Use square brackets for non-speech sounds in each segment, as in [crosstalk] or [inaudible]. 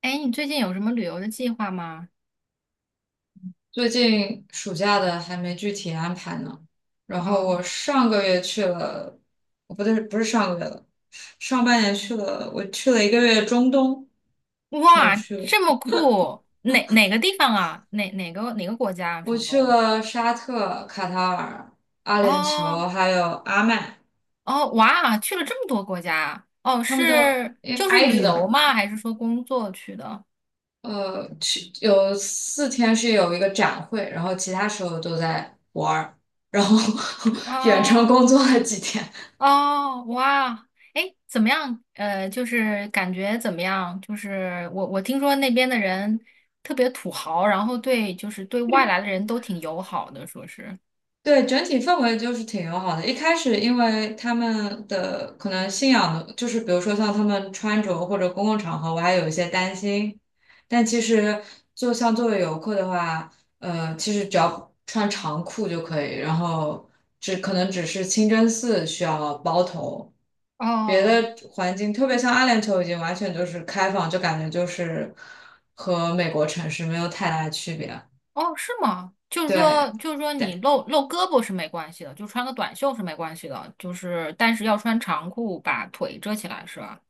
哎，你最近有什么旅游的计划吗？最近暑假的还没具体安排呢。然后哦，我上个月去了，哦不对，不是上个月了，上半年去了，我去了1个月中东，没有哇，去。这么酷！哪个地方啊？哪个国家啊？我中去东？了沙特、卡塔尔、阿联酋，哦还有阿曼，哦，哇，去了这么多国家啊！哦，他们都是因为就是挨旅着的游嘛。吗？还是说工作去的？去有4天是有一个展会，然后其他时候都在玩儿，然后 [laughs] 远程哦工作了几天。哦，哇！哎，怎么样？就是感觉怎么样？就是我听说那边的人特别土豪，然后对就是对外来的人都挺友好的，说是。对，整体氛围就是挺友好的。一开始，因为他们的可能信仰的，就是比如说像他们穿着或者公共场合，我还有一些担心。但其实，就像作为游客的话，其实只要穿长裤就可以，然后可能只是清真寺需要包头，别哦的环境，特别像阿联酋已经完全就是开放，就感觉就是和美国城市没有太大的区别。哦，是吗？就是对。说，就是说，你露胳膊是没关系的，就穿个短袖是没关系的，就是但是要穿长裤把腿遮起来，是吧？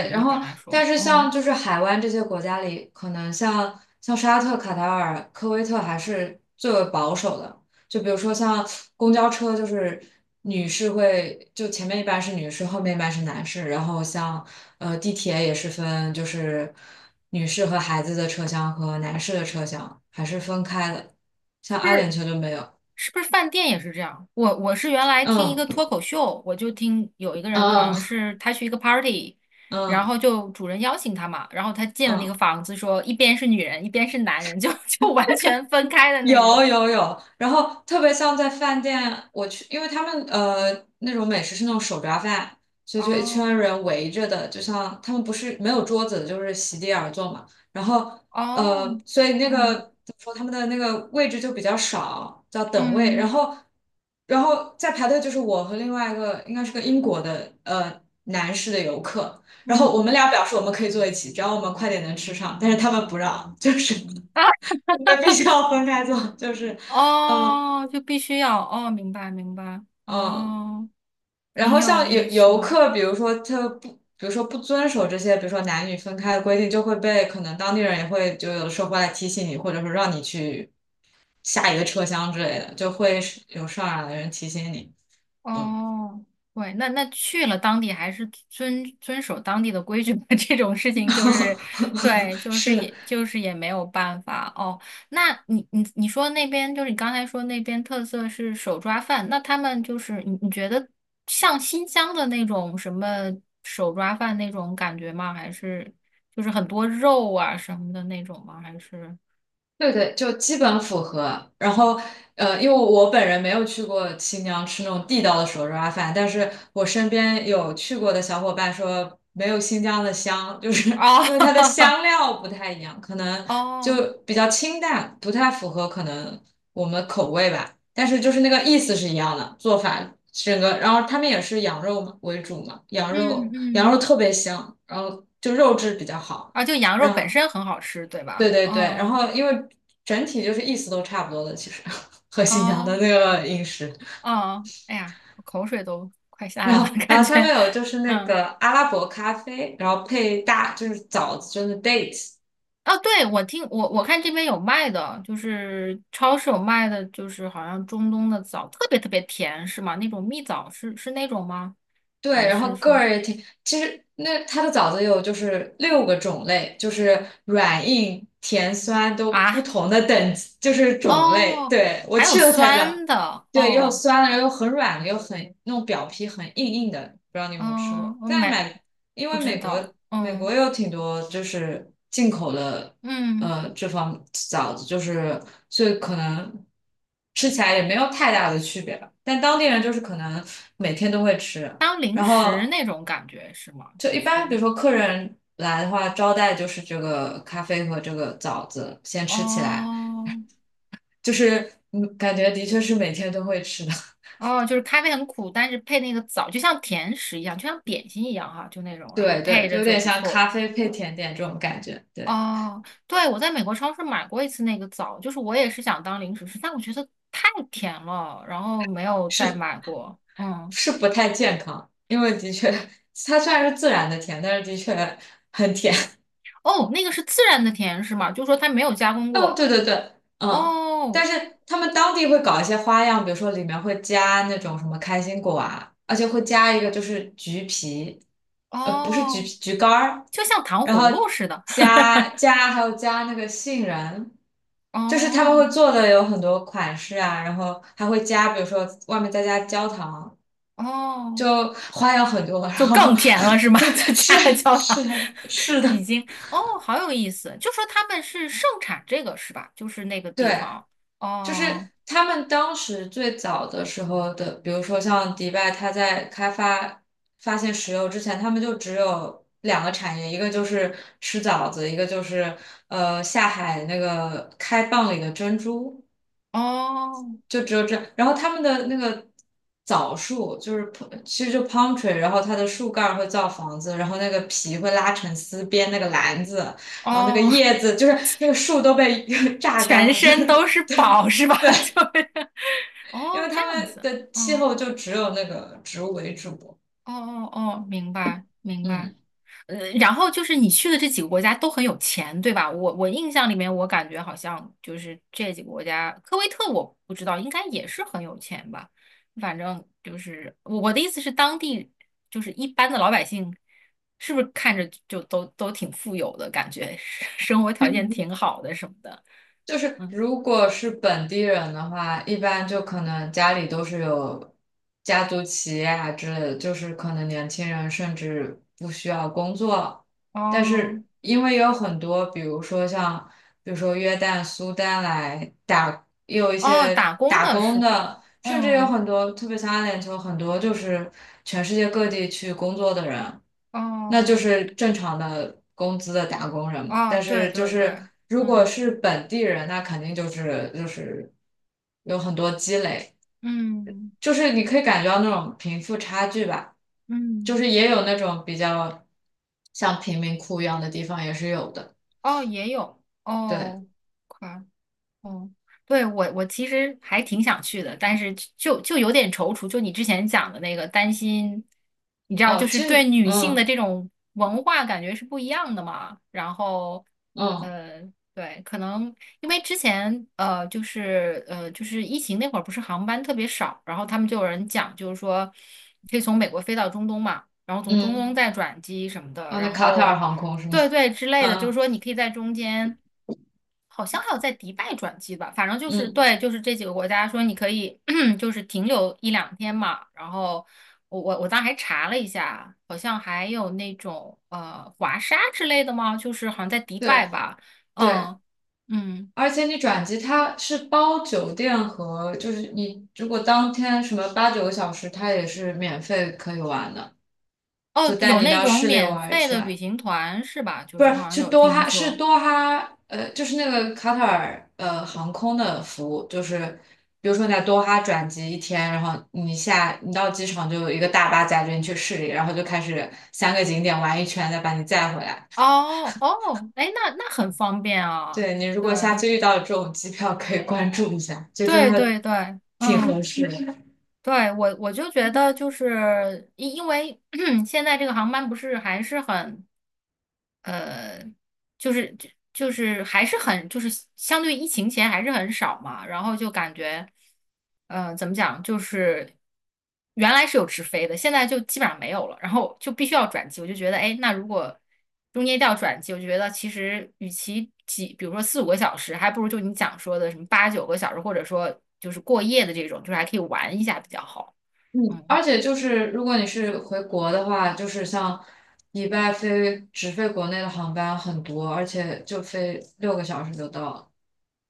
就是然一后般来但说，是像嗯，就是海湾这些国家里，可能像沙特、卡塔尔、科威特还是最为保守的。就比如说像公交车，就是女士会就前面一半是女士，后面一半是男士。然后像地铁也是分就是女士和孩子的车厢和男士的车厢还是分开的，是像不阿是？联酋就没有。是不是饭店也是这样？我是原来听一个嗯脱口秀，我就听有一个人好像嗯是他去一个 party，然嗯后就主人邀请他嘛，然后他进了那个嗯。房子说，一边是女人，一边是男人，就 [laughs] 就完全分开的那有种。有有，然后特别像在饭店，我去，因为他们那种美食是那种手抓饭，所以就一圈哦人围着的，就像他们不是没有桌子，就是席地而坐嘛。然后哦所以那个哦，怎么说，他们的那个位置就比较少，叫等位。然嗯后然后在排队就是我和另外一个应该是个英国的男士的游客，然后我嗯。们俩表示我们可以坐一起，只要我们快点能吃上，但是他们不让，就是。啊。我们必须要分开坐，就是嗯哦，就必须要哦，明白明白，嗯，哦，然挺后有像游意思游的，客，比如说不遵守这些，比如说男女分开的规定，就会被可能当地人也会就有的时候会来提醒你，或者说让你去下一个车厢之类的，就会是有上来的人提醒你。嗯，哦，对，那那去了当地还是遵守当地的规矩吧，[laughs] 这种事情就是，[laughs] 对，就是是的，也就是也没有办法哦。那你说那边就是你刚才说那边特色是手抓饭，那他们就是你觉得像新疆的那种什么手抓饭那种感觉吗？还是就是很多肉啊什么的那种吗？还是？对对，就基本符合。然后，因为我本人没有去过新疆吃那种地道的手抓饭，但是我身边有去过的小伙伴说，没有新疆的香，[laughs] 就是哦 因为它的 [laughs] 香料不太一样，可能哦，就比较清淡，不太符合可能我们口味吧。但是就是那个意思是一样的，做法整个，然后他们也是羊肉嘛为主嘛，羊嗯肉羊嗯，肉特别香，然后就肉质比较好。啊，就羊肉本身很好吃，对对吧？对对，然哦后因为整体就是意思都差不多的，其实 [laughs] 和新疆的哦那个饮食，哦，哎呀，我口水都快下来然了，后 [laughs] 然感后他们觉，有就是那嗯，个阿拉伯咖啡，然后配大就是枣子，就是 dates，哦，对，我听我看这边有卖的，就是超市有卖的，就是好像中东的枣特别特别甜，是吗？那种蜜枣是那种吗？对，还然后是个说儿也挺，其实那它的枣子有就是6个种类，就是软硬甜酸都不啊？同的等级，就是种类。哦，对，我还有去了才知道，酸的，对，又哦，酸了，又很软了，又很那种表皮很硬硬的，不知道你有没有吃嗯，过？我在买买，因不为知美国道，美国嗯有挺多就是进口的，嗯。这方枣子就是，所以可能吃起来也没有太大的区别吧。但当地人就是可能每天都会吃。当零然食后那种感觉是吗？就就一般，比是如说客人来的话，招待就是这个咖啡和这个枣子先吃起来，哦就是嗯，感觉的确是每天都会吃的。[laughs] 哦，就是咖啡很苦，但是配那个枣，就像甜食一样，就像点心一样哈，就那种，然后对对，配就着有就点不像咖错。啡配甜点这种感觉。对，哦，对，我在美国超市买过一次那个枣，就是我也是想当零食吃，但我觉得太甜了，然后没有再是买过。嗯，是不太健康，因为的确它虽然是自然的甜，但是的确很甜。哦，那个是自然的甜是吗？就是说它没有加工哦，对过。对对，嗯，但哦是他们当地会搞一些花样，比如说里面会加那种什么开心果啊，而且会加一个就是橘皮，呃，不是橘皮，哦，橘干儿，就像糖然葫芦后似的。加还有加那个杏仁，[laughs] 就是他们会哦做的有很多款式啊，然后还会加，比如说外面再加焦糖，哦就花样很多，然就后 更甜了是 [laughs] 吗？对，[laughs] 就是加了焦糖，是 [laughs] 是已的，经哦，好有意思。就说他们是盛产这个是吧？就是那个地对，方，就是哦他们当时最早的时候的，比如说像迪拜，他在发现石油之前，他们就只有2个产业，一个就是吃枣子，一个就是下海那个开蚌里的珍珠，哦就只有这。然后他们的那个枣树就是 其实就 palm tree，然后它的树干儿会造房子，然后那个皮会拉成丝编那个篮子，然后那个哦，叶子就是那个树都被 [laughs] [laughs] 榨干全了，就是 身都是 [laughs] 对。宝是吧？对，[laughs] 就是因哦为这他样们子，的气嗯，候就只有那个植物为主，哦哦哦，明白明白。嗯，然后就是你去的这几个国家都很有钱，对吧？我印象里面，我感觉好像就是这几个国家，科威特我不知道，应该也是很有钱吧。反正就是我的意思是，当地就是一般的老百姓，是不是看着就都挺富有的感觉，[laughs] 生活条件挺好的什么的。就是嗯，如果是本地人的话，一般就可能家里都是有家族企业啊之类的，就是可能年轻人甚至不需要工作，但哦是因为有很多，比如说约旦、苏丹来打，也有一哦，些打工打的工是吧？的。甚至有嗯，很多，特别像阿联酋，很多就是全世界各地去工作的人，那就哦是正常的工资的打工人嘛。哦，但对是就对对，是如果嗯是本地人，那肯定就是有很多积累，嗯就是你可以感觉到那种贫富差距吧。就嗯。是也有那种比较像贫民窟一样的地方也是有的。哦，也有对，哦快。哦，对，我其实还挺想去的，但是就有点踌躇。就你之前讲的那个，担心，你知道，哦，就其是对实，女性的嗯这种文化感觉是不一样的嘛。然后，嗯呃，对，可能因为之前就是就是疫情那会儿，不是航班特别少，然后他们就有人讲，就是说可以从美国飞到中东嘛，然后从中东嗯，再转机什么的，哦，那然卡塔尔后航空是吗？对对之 [laughs] 类的，就是嗯说你可以在中间。好像还有在迪拜转机吧，反正就是嗯，对，就是这几个国家说你可以 [clears throat] 就是停留一两天嘛。然后我当时还查了一下，好像还有那种华沙之类的吗？就是好像在迪拜对。吧，对，嗯嗯而且你转机它是包酒店和，就是你如果当天什么8、9个小时，它也是免费可以玩的，就哦，有带你那到种市里免玩一费的圈。旅行团是吧？就不是我好是，像去有多听哈，是说。多哈，就是那个卡塔尔航空的服务，就是比如说你在多哈转机一天，然后你到机场就有一个大巴载着你去市里，然后就开始3个景点玩一圈，再把你载回来。哦哦，哎，那那很方便啊，对，你如对果下次遇到这种机票，可以关注一下，就真对的对对，挺合嗯。适的。对，我就觉得就是因为 [clears throat] 现在这个航班不是还是很呃，就是就是还是很就是相对疫情前还是很少嘛，然后就感觉，怎么讲，就是原来是有直飞的，现在就基本上没有了，然后就必须要转机，我就觉得，哎，那如果中间一定要转机，我就觉得其实与其几，比如说四五个小时，还不如就你讲说的什么八九个小时，或者说就是过夜的这种，就是还可以玩一下比较好。[laughs] 嗯，嗯，而且就是如果你是回国的话，就是像迪拜飞直飞国内的航班很多，而且就飞六个小时就到了。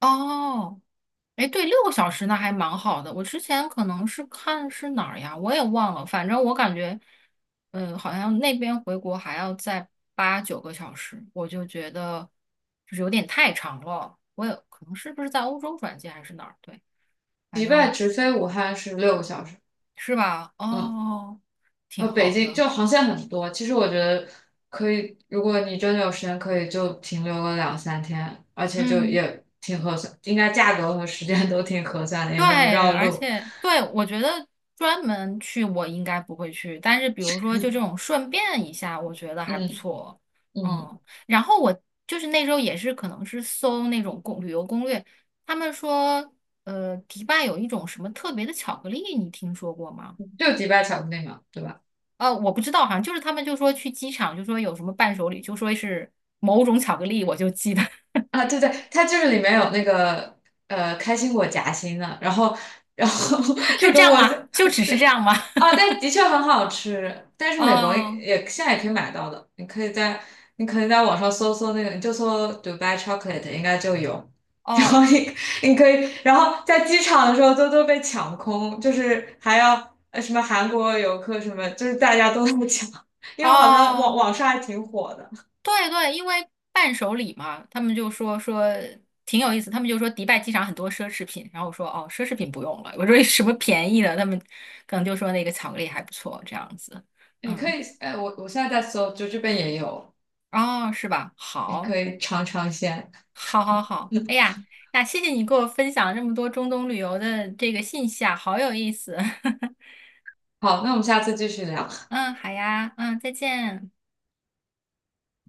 哦，哎，对，六个小时那还蛮好的。我之前可能是看是哪儿呀，我也忘了。反正我感觉，嗯，好像那边回国还要再八九个小时，我就觉得就是有点太长了。我也可能是不是在欧洲转机还是哪儿？对，反迪拜正直飞武汉是六个小时，是吧？嗯，哦，挺北好京的。就航线很多。其实我觉得可以，如果你真的有时间，可以就停留个2、3天，而且就嗯。也挺合算，应该价格和时间都挺合算的，也没有对，绕而路。且对，我觉得专门去我应该不会去，但是比如说就 [laughs] 这种顺便一下，我觉得还不嗯错。嗯，嗯，然后我就是那时候也是可能是搜那种攻旅游攻略，他们说，迪拜有一种什么特别的巧克力，你听说过吗？就迪拜巧克力嘛，对吧？我不知道，好像就是他们就说去机场就说有什么伴手礼，就说是某种巧克力，我就记得 啊，对对，它就是里面有那个开心果夹心的，然后 [laughs] [laughs] 就那这个样我吗？就只对是这样吗？啊，但的确很好吃，但 [laughs] 是美国哦也现在也可以买到的，你可以在网上搜搜那个，你就搜 Dubai chocolate 应该就有。然后哦你可以，然后在机场的时候都被抢空，就是还要什么韩国游客什么，就是大家都那么抢，因为好像网哦。网上还挺火的。对对，因为伴手礼嘛，他们就说说挺有意思，他们就说迪拜机场很多奢侈品，然后我说哦，奢侈品不用了，我说有什么便宜的，他们可能就说那个巧克力还不错，这样子，你可嗯，以，哎，我现在在搜，就这边也有，哦，是吧？你好，可以尝尝鲜。好，好，好，哎呀，那谢谢你给我分享这么多中东旅游的这个信息啊，好有意思，[laughs] 好，那我们下次继续聊。嗯，好呀，嗯，再见。